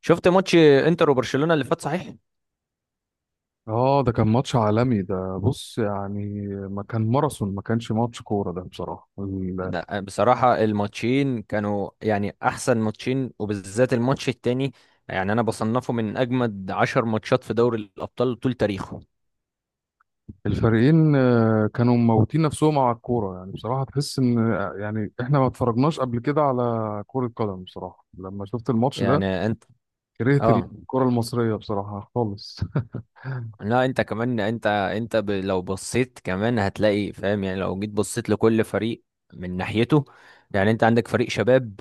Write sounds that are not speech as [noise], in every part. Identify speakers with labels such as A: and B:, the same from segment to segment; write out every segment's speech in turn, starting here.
A: شفت ماتش انتر وبرشلونة اللي فات صحيح؟
B: اه، ده كان ماتش عالمي ده. بص، يعني ما كان ماراثون، ما كانش ماتش كورة ده بصراحة.
A: لا، بصراحة الماتشين كانوا يعني أحسن ماتشين، وبالذات الماتش التاني. يعني أنا بصنفه من أجمد 10 ماتشات في دوري الأبطال طول تاريخه.
B: الفريقين كانوا موتين نفسهم على الكورة. يعني بصراحة تحس ان يعني احنا ما اتفرجناش قبل كده على كرة قدم. بصراحة لما شفت الماتش ده
A: يعني أنت،
B: كرهت
A: آه.
B: الكرة المصرية بصراحة خالص. [laughs]
A: لا أنت كمان، أنت لو بصيت كمان هتلاقي فاهم، يعني لو جيت بصيت لكل فريق من ناحيته. يعني أنت عندك فريق شباب،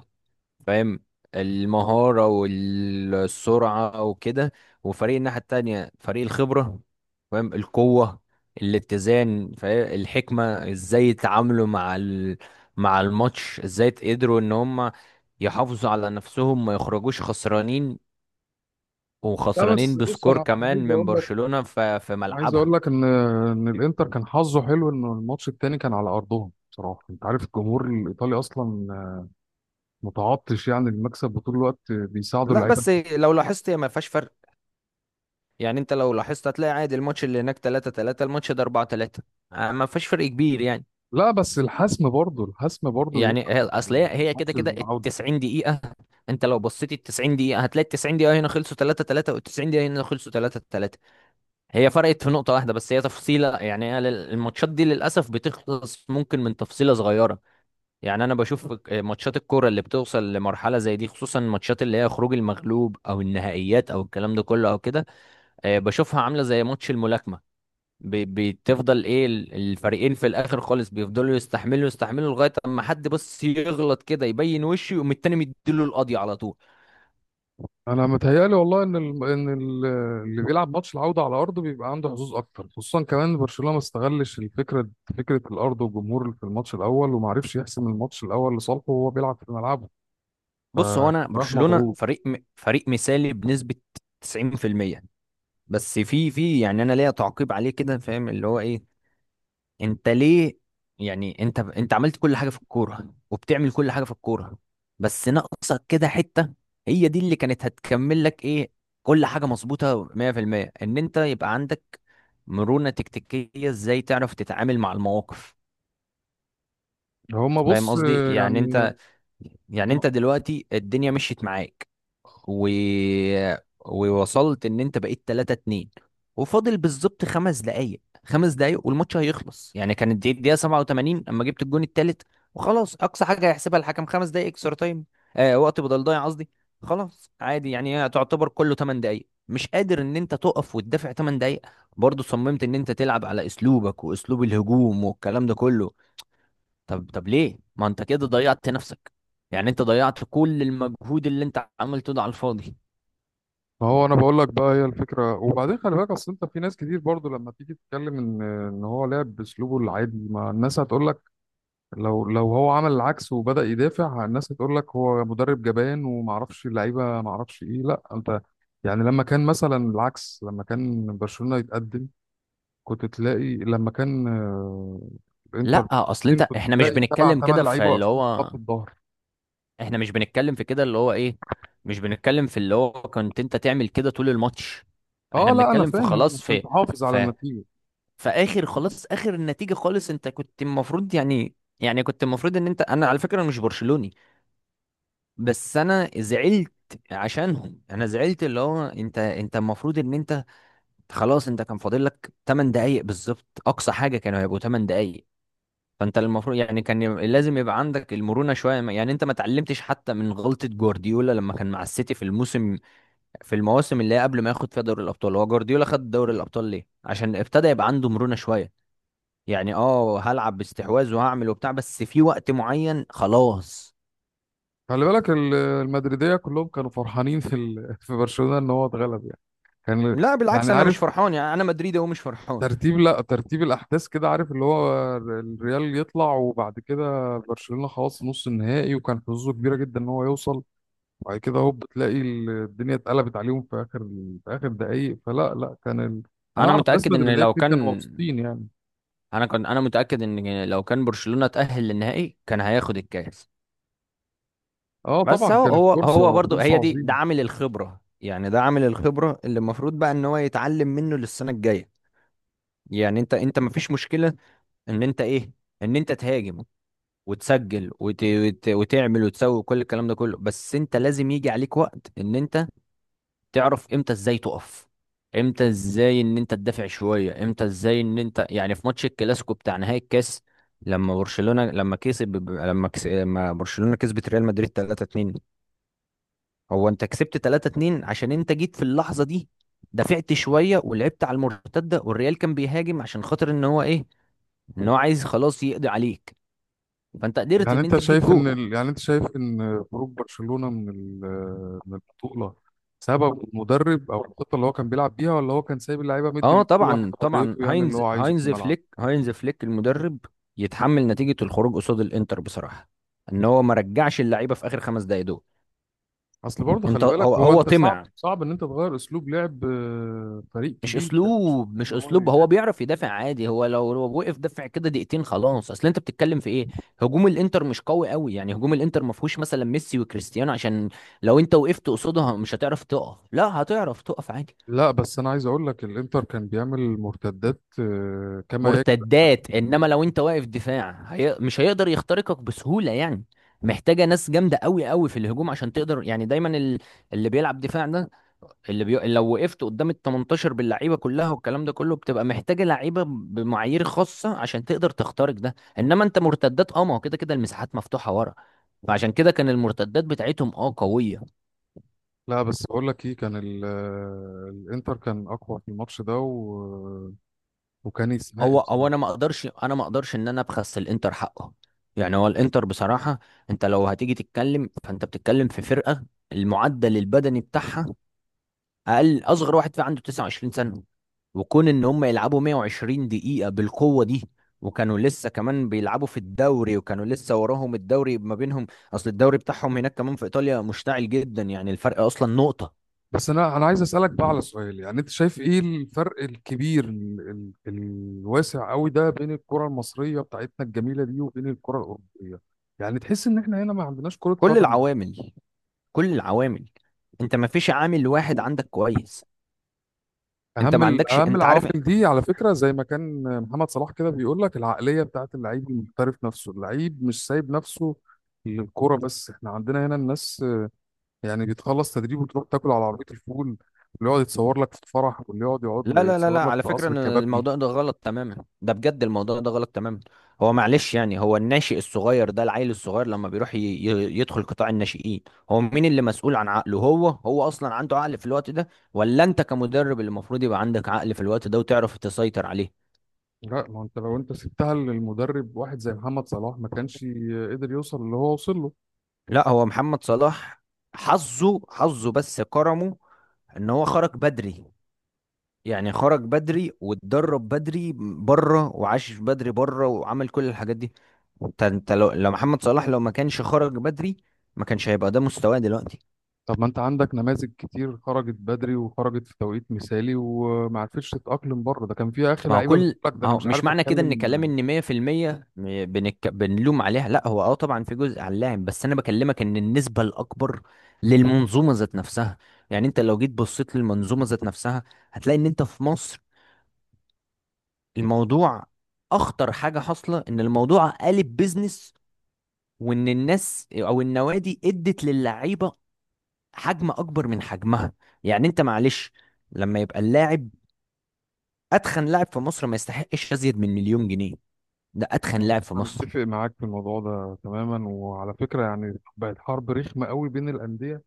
A: فاهم، المهارة والسرعة وكده، وفريق الناحية التانية فريق الخبرة، فاهم، القوة، الاتزان، فاهم، الحكمة ازاي يتعاملوا مع مع الماتش، ازاي قدروا ان هم يحافظوا على نفسهم، ما يخرجوش خسرانين،
B: لا بس
A: وخسرانين
B: بص،
A: بسكور
B: أنا
A: كمان
B: عايز
A: من
B: اقول لك
A: برشلونة في
B: عايز
A: ملعبها.
B: اقول لك ان الانتر كان حظه حلو، ان الماتش التاني كان على ارضهم. بصراحه انت عارف الجمهور الايطالي اصلا متعطش يعني المكسب، وطول الوقت بيساعدوا
A: لا
B: اللعيبه.
A: بس لو لاحظت هي ما فيهاش فرق. يعني انت لو لاحظت هتلاقي عادي، الماتش اللي هناك 3-3، الماتش ده 4-3، ما فيهاش فرق كبير يعني.
B: لا بس الحسم برضه
A: يعني
B: بيبقى
A: اصل هي كده
B: ماتش
A: كده ال
B: العوده.
A: 90 دقيقة. انت لو بصيت ال 90 دقيقة هتلاقي ال 90 دقيقة هنا خلصوا 3-3، وال 90 دقيقة هنا خلصوا 3 3. هي فرقت في نقطة واحدة بس، هي تفصيلة. يعني هي الماتشات دي للأسف بتخلص ممكن من تفصيلة صغيرة. يعني أنا بشوف ماتشات الكورة اللي بتوصل لمرحلة زي دي، خصوصا الماتشات اللي هي خروج المغلوب أو النهائيات أو الكلام ده كله أو كده، آه، بشوفها عاملة زي ماتش الملاكمة. بتفضل ايه الفريقين في الاخر خالص بيفضلوا يستحملوا يستحملوا لغايه اما حد بس يغلط كده يبين وشه، يقوم التاني مديله القضية على طول.
B: انا متهيألي والله ان اللي بيلعب ماتش العوده على ارضه بيبقى عنده حظوظ اكتر، خصوصا كمان برشلونه ما استغلش الفكره، فكره الارض والجمهور في الماتش الاول، وما عرفش يحسم الماتش الاول لصالحه وهو بيلعب في ملعبه،
A: بص، هو
B: فكان
A: انا
B: رايح
A: برشلونه
B: مضغوط.
A: فريق فريق مثالي بنسبه 90%. بس في يعني انا ليا تعقيب عليه كده، فاهم اللي هو ايه. انت ليه؟ يعني انت عملت كل حاجه في الكوره وبتعمل كل حاجه في الكوره، بس ناقصك كده حته، هي دي اللي كانت هتكمل لك ايه؟ كل حاجه مظبوطه 100%، ان انت يبقى عندك مرونه تكتيكيه، ازاي تعرف تتعامل مع المواقف.
B: هما
A: فاهم
B: بص،
A: قصدي؟ يعني
B: يعني
A: انت، يعني انت دلوقتي الدنيا مشيت معاك و... ووصلت ان انت بقيت 3-2، وفاضل بالظبط 5 دقايق، 5 دقايق والماتش هيخلص، يعني كانت دي الدقيقة 87 اما جبت الجون التالت. وخلاص اقصى حاجة هيحسبها الحكم 5 دقايق اكسترا تايم، آه، وقت بدل ضايع قصدي. خلاص عادي، يعني هي تعتبر كله 8 دقايق، مش قادر ان انت تقف وتدافع 8 دقايق؟ برضه صممت ان انت تلعب على اسلوبك واسلوب الهجوم والكلام ده كله. طب ليه ما انت كده ضيعت نفسك؟ يعني انت ضيعت كل المجهود اللي انت عملته ده على الفاضي.
B: ما هو انا بقول لك بقى هي الفكره. وبعدين خلي بالك اصل انت في ناس كتير برضو لما تيجي تتكلم ان هو لعب باسلوبه العادي، ما الناس هتقول لك. لو هو عمل العكس وبدا يدافع الناس هتقول لك هو مدرب جبان، وما اعرفش اللعيبه ما اعرفش ايه. لا انت يعني لما كان مثلا العكس، لما كان برشلونه يتقدم كنت تلاقي، لما كان الانتر،
A: لا اصل انت،
B: كنت
A: احنا مش
B: تلاقي سبعة
A: بنتكلم كده
B: ثمان
A: في
B: لعيبه
A: اللي
B: واقفين في
A: هو،
B: خط الظهر.
A: احنا مش بنتكلم في كده اللي هو ايه، مش بنتكلم في اللي هو كنت انت تعمل كده طول الماتش. احنا
B: اه لا، انا
A: بنتكلم في
B: فاهم
A: خلاص،
B: عشان تحافظ على
A: في
B: النتيجه.
A: في اخر، خلاص اخر النتيجة خالص، انت كنت المفروض يعني، يعني كنت المفروض ان انت. انا على فكرة مش برشلوني، بس انا زعلت عشانهم. انا زعلت اللي هو انت المفروض ان انت، خلاص انت كان فاضل لك 8 دقايق بالظبط، اقصى حاجه كانوا هيبقوا 8 دقايق. فانت المفروض يعني كان لازم يبقى عندك المرونه شويه، يعني انت ما اتعلمتش حتى من غلطه جوارديولا لما كان مع السيتي في الموسم، في المواسم اللي هي قبل ما ياخد فيها دوري الابطال. هو جوارديولا خد دوري الابطال ليه؟ عشان ابتدى يبقى عنده مرونه شويه. يعني اه، هلعب باستحواذ وهعمل وبتاع، بس في وقت معين خلاص.
B: خلي بالك المدريدية كلهم كانوا فرحانين [laughs] في برشلونة ان هو اتغلب يعني. كان
A: لا بالعكس
B: يعني،
A: انا
B: عارف
A: مش فرحان، يعني انا مدريدي ومش فرحان.
B: ترتيب، لا ترتيب الاحداث كده؟ عارف اللي هو الريال يطلع، وبعد كده برشلونة خلاص نص النهائي وكان حظوظه كبيرة جدا ان هو يوصل، وبعد كده هوب بتلاقي الدنيا اتقلبت عليهم في اخر في اخر دقايق، فلا لا كان انا
A: انا
B: اعرف ناس
A: متاكد ان
B: مدريدية
A: لو
B: كتير كانوا
A: كان،
B: مبسوطين يعني.
A: انا كنت، انا متاكد ان لو كان برشلونه تاهل للنهائي كان هياخد الكاس.
B: اه طبعا،
A: بس هو
B: كانت
A: هو
B: فرصة
A: برضو
B: فرصة
A: هي دي، ده
B: عظيمة.
A: عامل الخبره، يعني ده عامل الخبره اللي المفروض بقى ان هو يتعلم منه للسنه الجايه. يعني انت مفيش مشكله ان انت ايه، ان انت تهاجم وتسجل وتعمل وتسوي كل الكلام ده كله، بس انت لازم يجي عليك وقت ان انت تعرف امتى ازاي تقف، امتى ازاي ان انت تدافع شويه، امتى ازاي ان انت، يعني في ماتش الكلاسيكو بتاع نهائي الكاس، لما برشلونه لما كسب، لما برشلونه كسبت ريال مدريد 3-2، هو انت كسبت 3-2 عشان انت جيت في اللحظه دي، دافعت شويه ولعبت على المرتده، والريال كان بيهاجم عشان خاطر ان هو ايه، ان هو عايز خلاص يقضي عليك، فانت قدرت
B: يعني
A: ان انت
B: انت
A: تجيب
B: شايف ان
A: جول.
B: خروج برشلونة من البطولة سبب المدرب، او الخطة اللي هو كان بيلعب بيها، ولا هو كان سايب اللعيبة مدي
A: اه
B: لكل واحد
A: طبعا طبعا
B: حريته يعمل اللي
A: هاينز
B: هو عايزه في
A: هاينز
B: الملعب؟
A: فليك، هاينز فليك المدرب يتحمل نتيجة الخروج قصاد الانتر بصراحة، ان هو ما رجعش اللعيبة في اخر 5 دقايق دول.
B: اصل برضه
A: انت
B: خلي بالك،
A: هو
B: هو
A: هو
B: انت صعب
A: طمع
B: صعب ان انت تغير اسلوب لعب فريق
A: مش
B: كبير زي برشلونة،
A: اسلوب، مش
B: ان هو
A: اسلوب، هو
B: يدافع.
A: بيعرف يدافع عادي، هو لو وقف دفع كده دقيقتين خلاص. اصل انت بتتكلم في ايه؟ هجوم الانتر مش قوي قوي يعني، هجوم الانتر ما فيهوش مثلا ميسي وكريستيانو، عشان لو انت وقفت قصادها مش هتعرف تقف، لا هتعرف تقف عادي.
B: لا بس انا عايز اقول لك الانتر كان بيعمل مرتدات كما يجب.
A: مرتدات، انما لو انت واقف دفاع مش هيقدر يخترقك بسهولة يعني، محتاجة ناس جامدة قوي قوي في الهجوم عشان تقدر يعني. دايما اللي بيلعب دفاع ده، لو وقفت قدام ال 18 باللعيبة كلها والكلام ده كله بتبقى محتاجة لعيبة بمعايير خاصة عشان تقدر تخترق ده. انما انت مرتدات، اه، ما هو كده كده المساحات مفتوحة ورا، فعشان كده كان المرتدات بتاعتهم اه قوية.
B: لا بس بقول لك ايه، كان الانتر كان اقوى في الماتش ده وكان يستحق
A: هو انا
B: بصراحة.
A: ما اقدرش، ان انا ابخس الانتر حقه. يعني هو الانتر بصراحه، انت لو هتيجي تتكلم فانت بتتكلم في فرقه، المعدل البدني بتاعها، اقل اصغر واحد فيها عنده 29 سنه، وكون ان هم يلعبوا 120 دقيقه بالقوه دي، وكانوا لسه كمان بيلعبوا في الدوري، وكانوا لسه وراهم الدوري ما بينهم، اصل الدوري بتاعهم هناك كمان في ايطاليا مشتعل جدا، يعني الفرق اصلا نقطه.
B: بس انا عايز اسالك بقى على سؤال. يعني انت شايف ايه الفرق الكبير الواسع قوي ده بين الكره المصريه بتاعتنا الجميله دي وبين الكره الاوروبيه؟ يعني تحس ان احنا هنا ما عندناش كره
A: كل
B: قدم.
A: العوامل، كل العوامل، انت ما فيش عامل واحد عندك كويس. انت ما عندكش،
B: اهم
A: انت
B: العوامل
A: عارف.
B: دي على فكره، زي ما كان محمد صلاح كده بيقول لك، العقليه بتاعت اللعيب المحترف نفسه. اللعيب مش سايب نفسه للكره، بس احنا عندنا هنا الناس يعني بتخلص تدريب وتروح تاكل على عربيه الفول، واللي يقعد يتصور لك في الفرح، واللي يقعد
A: لا لا لا لا،
B: يتصور لك
A: على
B: في
A: فكرة
B: قصر
A: ان
B: الكبابجي.
A: الموضوع ده غلط تماما، ده بجد الموضوع ده غلط تماما. هو معلش، يعني هو الناشئ الصغير ده، العيل الصغير لما بيروح يدخل قطاع الناشئين، هو مين اللي مسؤول عن عقله؟ هو اصلا عنده عقل في الوقت ده، ولا انت كمدرب اللي المفروض يبقى عندك عقل في الوقت ده وتعرف تسيطر عليه؟
B: لا، ما انت لو انت سبتها للمدرب واحد زي محمد صلاح، ما كانش قدر يوصل اللي هو وصل له.
A: لا هو محمد صلاح حظه حظه بس كرمه، ان هو خرج بدري، يعني خرج بدري واتدرب بدري بره وعاش بدري بره وعمل كل الحاجات دي. انت لو محمد صلاح لو ما كانش خرج بدري ما كانش هيبقى ده مستواه دلوقتي.
B: طب ما انت عندك نماذج كتير خرجت بدري وخرجت في توقيت مثالي وما عرفتش تتأقلم بره. ده كان في اخر
A: ما هو
B: لعيبه بتقول
A: كل
B: لك ده
A: ما
B: انا
A: هو
B: مش
A: مش
B: عارف
A: معنى كده ان كلام
B: اتكلم.
A: ان 100% بنلوم عليها، لا هو اه طبعا في جزء على اللاعب، بس انا بكلمك ان النسبة الاكبر للمنظومة ذات نفسها. يعني انت لو جيت بصيت للمنظومة ذات نفسها، هتلاقي ان انت في مصر الموضوع، اخطر حاجة حاصلة ان الموضوع قالب بيزنس، وان الناس او النوادي ادت للعيبة حجم اكبر من حجمها. يعني انت معلش لما يبقى اللاعب، اتخن لاعب في مصر ما يستحقش ازيد من 1,000,000 جنيه، ده اتخن
B: انا
A: لاعب في مصر.
B: متفق معاك في الموضوع ده تماما. وعلى فكره، يعني بقت حرب رخمه قوي بين الانديه،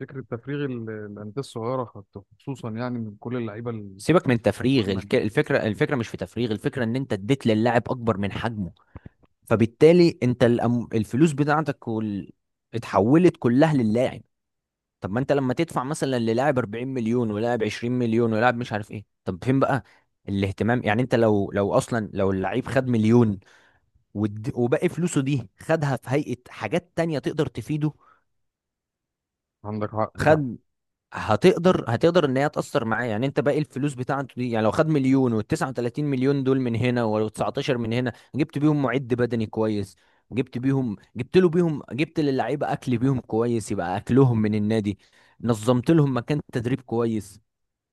B: فكره تفريغ الانديه الصغيره، خصوصا يعني من كل اللعيبه
A: سيبك من تفريغ
B: المهمه.
A: الفكره، الفكره مش في تفريغ، الفكره ان انت اديت للاعب اكبر من حجمه، فبالتالي انت الفلوس بتاعتك اتحولت كلها للاعب. طب ما انت لما تدفع مثلا للاعب 40 مليون ولاعب 20 مليون ولاعب مش عارف ايه، طب فين بقى الاهتمام؟ يعني انت لو، لو اصلا لو اللعيب خد مليون وباقي فلوسه دي خدها في هيئة حاجات تانية تقدر تفيده.
B: عندك حق.
A: خد، هتقدر ان هي تأثر معاه، يعني انت باقي الفلوس بتاعته دي، يعني لو خد مليون و39 مليون دول من هنا و19 من هنا جبت بيهم معد بدني كويس، جبت بيهم جبت له بيهم جبت للعيبة اكل بيهم كويس، يبقى اكلهم من النادي، نظمت لهم مكان تدريب كويس،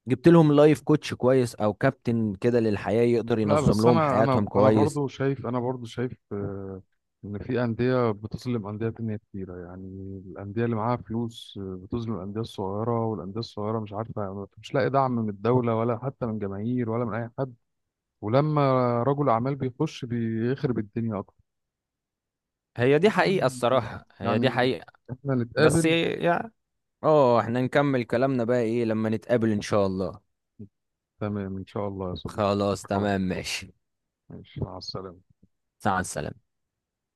A: جبت لهم لايف كوتش كويس او كابتن كده للحياة يقدر
B: لا
A: ينظم
B: بس
A: لهم حياتهم كويس.
B: انا برضو شايف ان في انديه بتظلم انديه تانية كتيره. يعني الانديه اللي معاها فلوس بتظلم الانديه الصغيره، والانديه الصغيره مش عارفه مش لاقي دعم من الدوله ولا حتى من جماهير ولا من اي حد. ولما رجل اعمال بيخش بيخرب الدنيا اكتر.
A: هي دي حقيقة
B: عموماً
A: الصراحة، هي دي
B: يعني
A: حقيقة.
B: احنا
A: بس
B: نتقابل.
A: يعني، اه احنا نكمل كلامنا بقى ايه لما نتقابل ان شاء الله.
B: تمام ان شاء الله يا صديقي.
A: خلاص
B: على
A: تمام
B: خير،
A: ماشي.
B: ماشي، مع السلامه.
A: مع السلامة.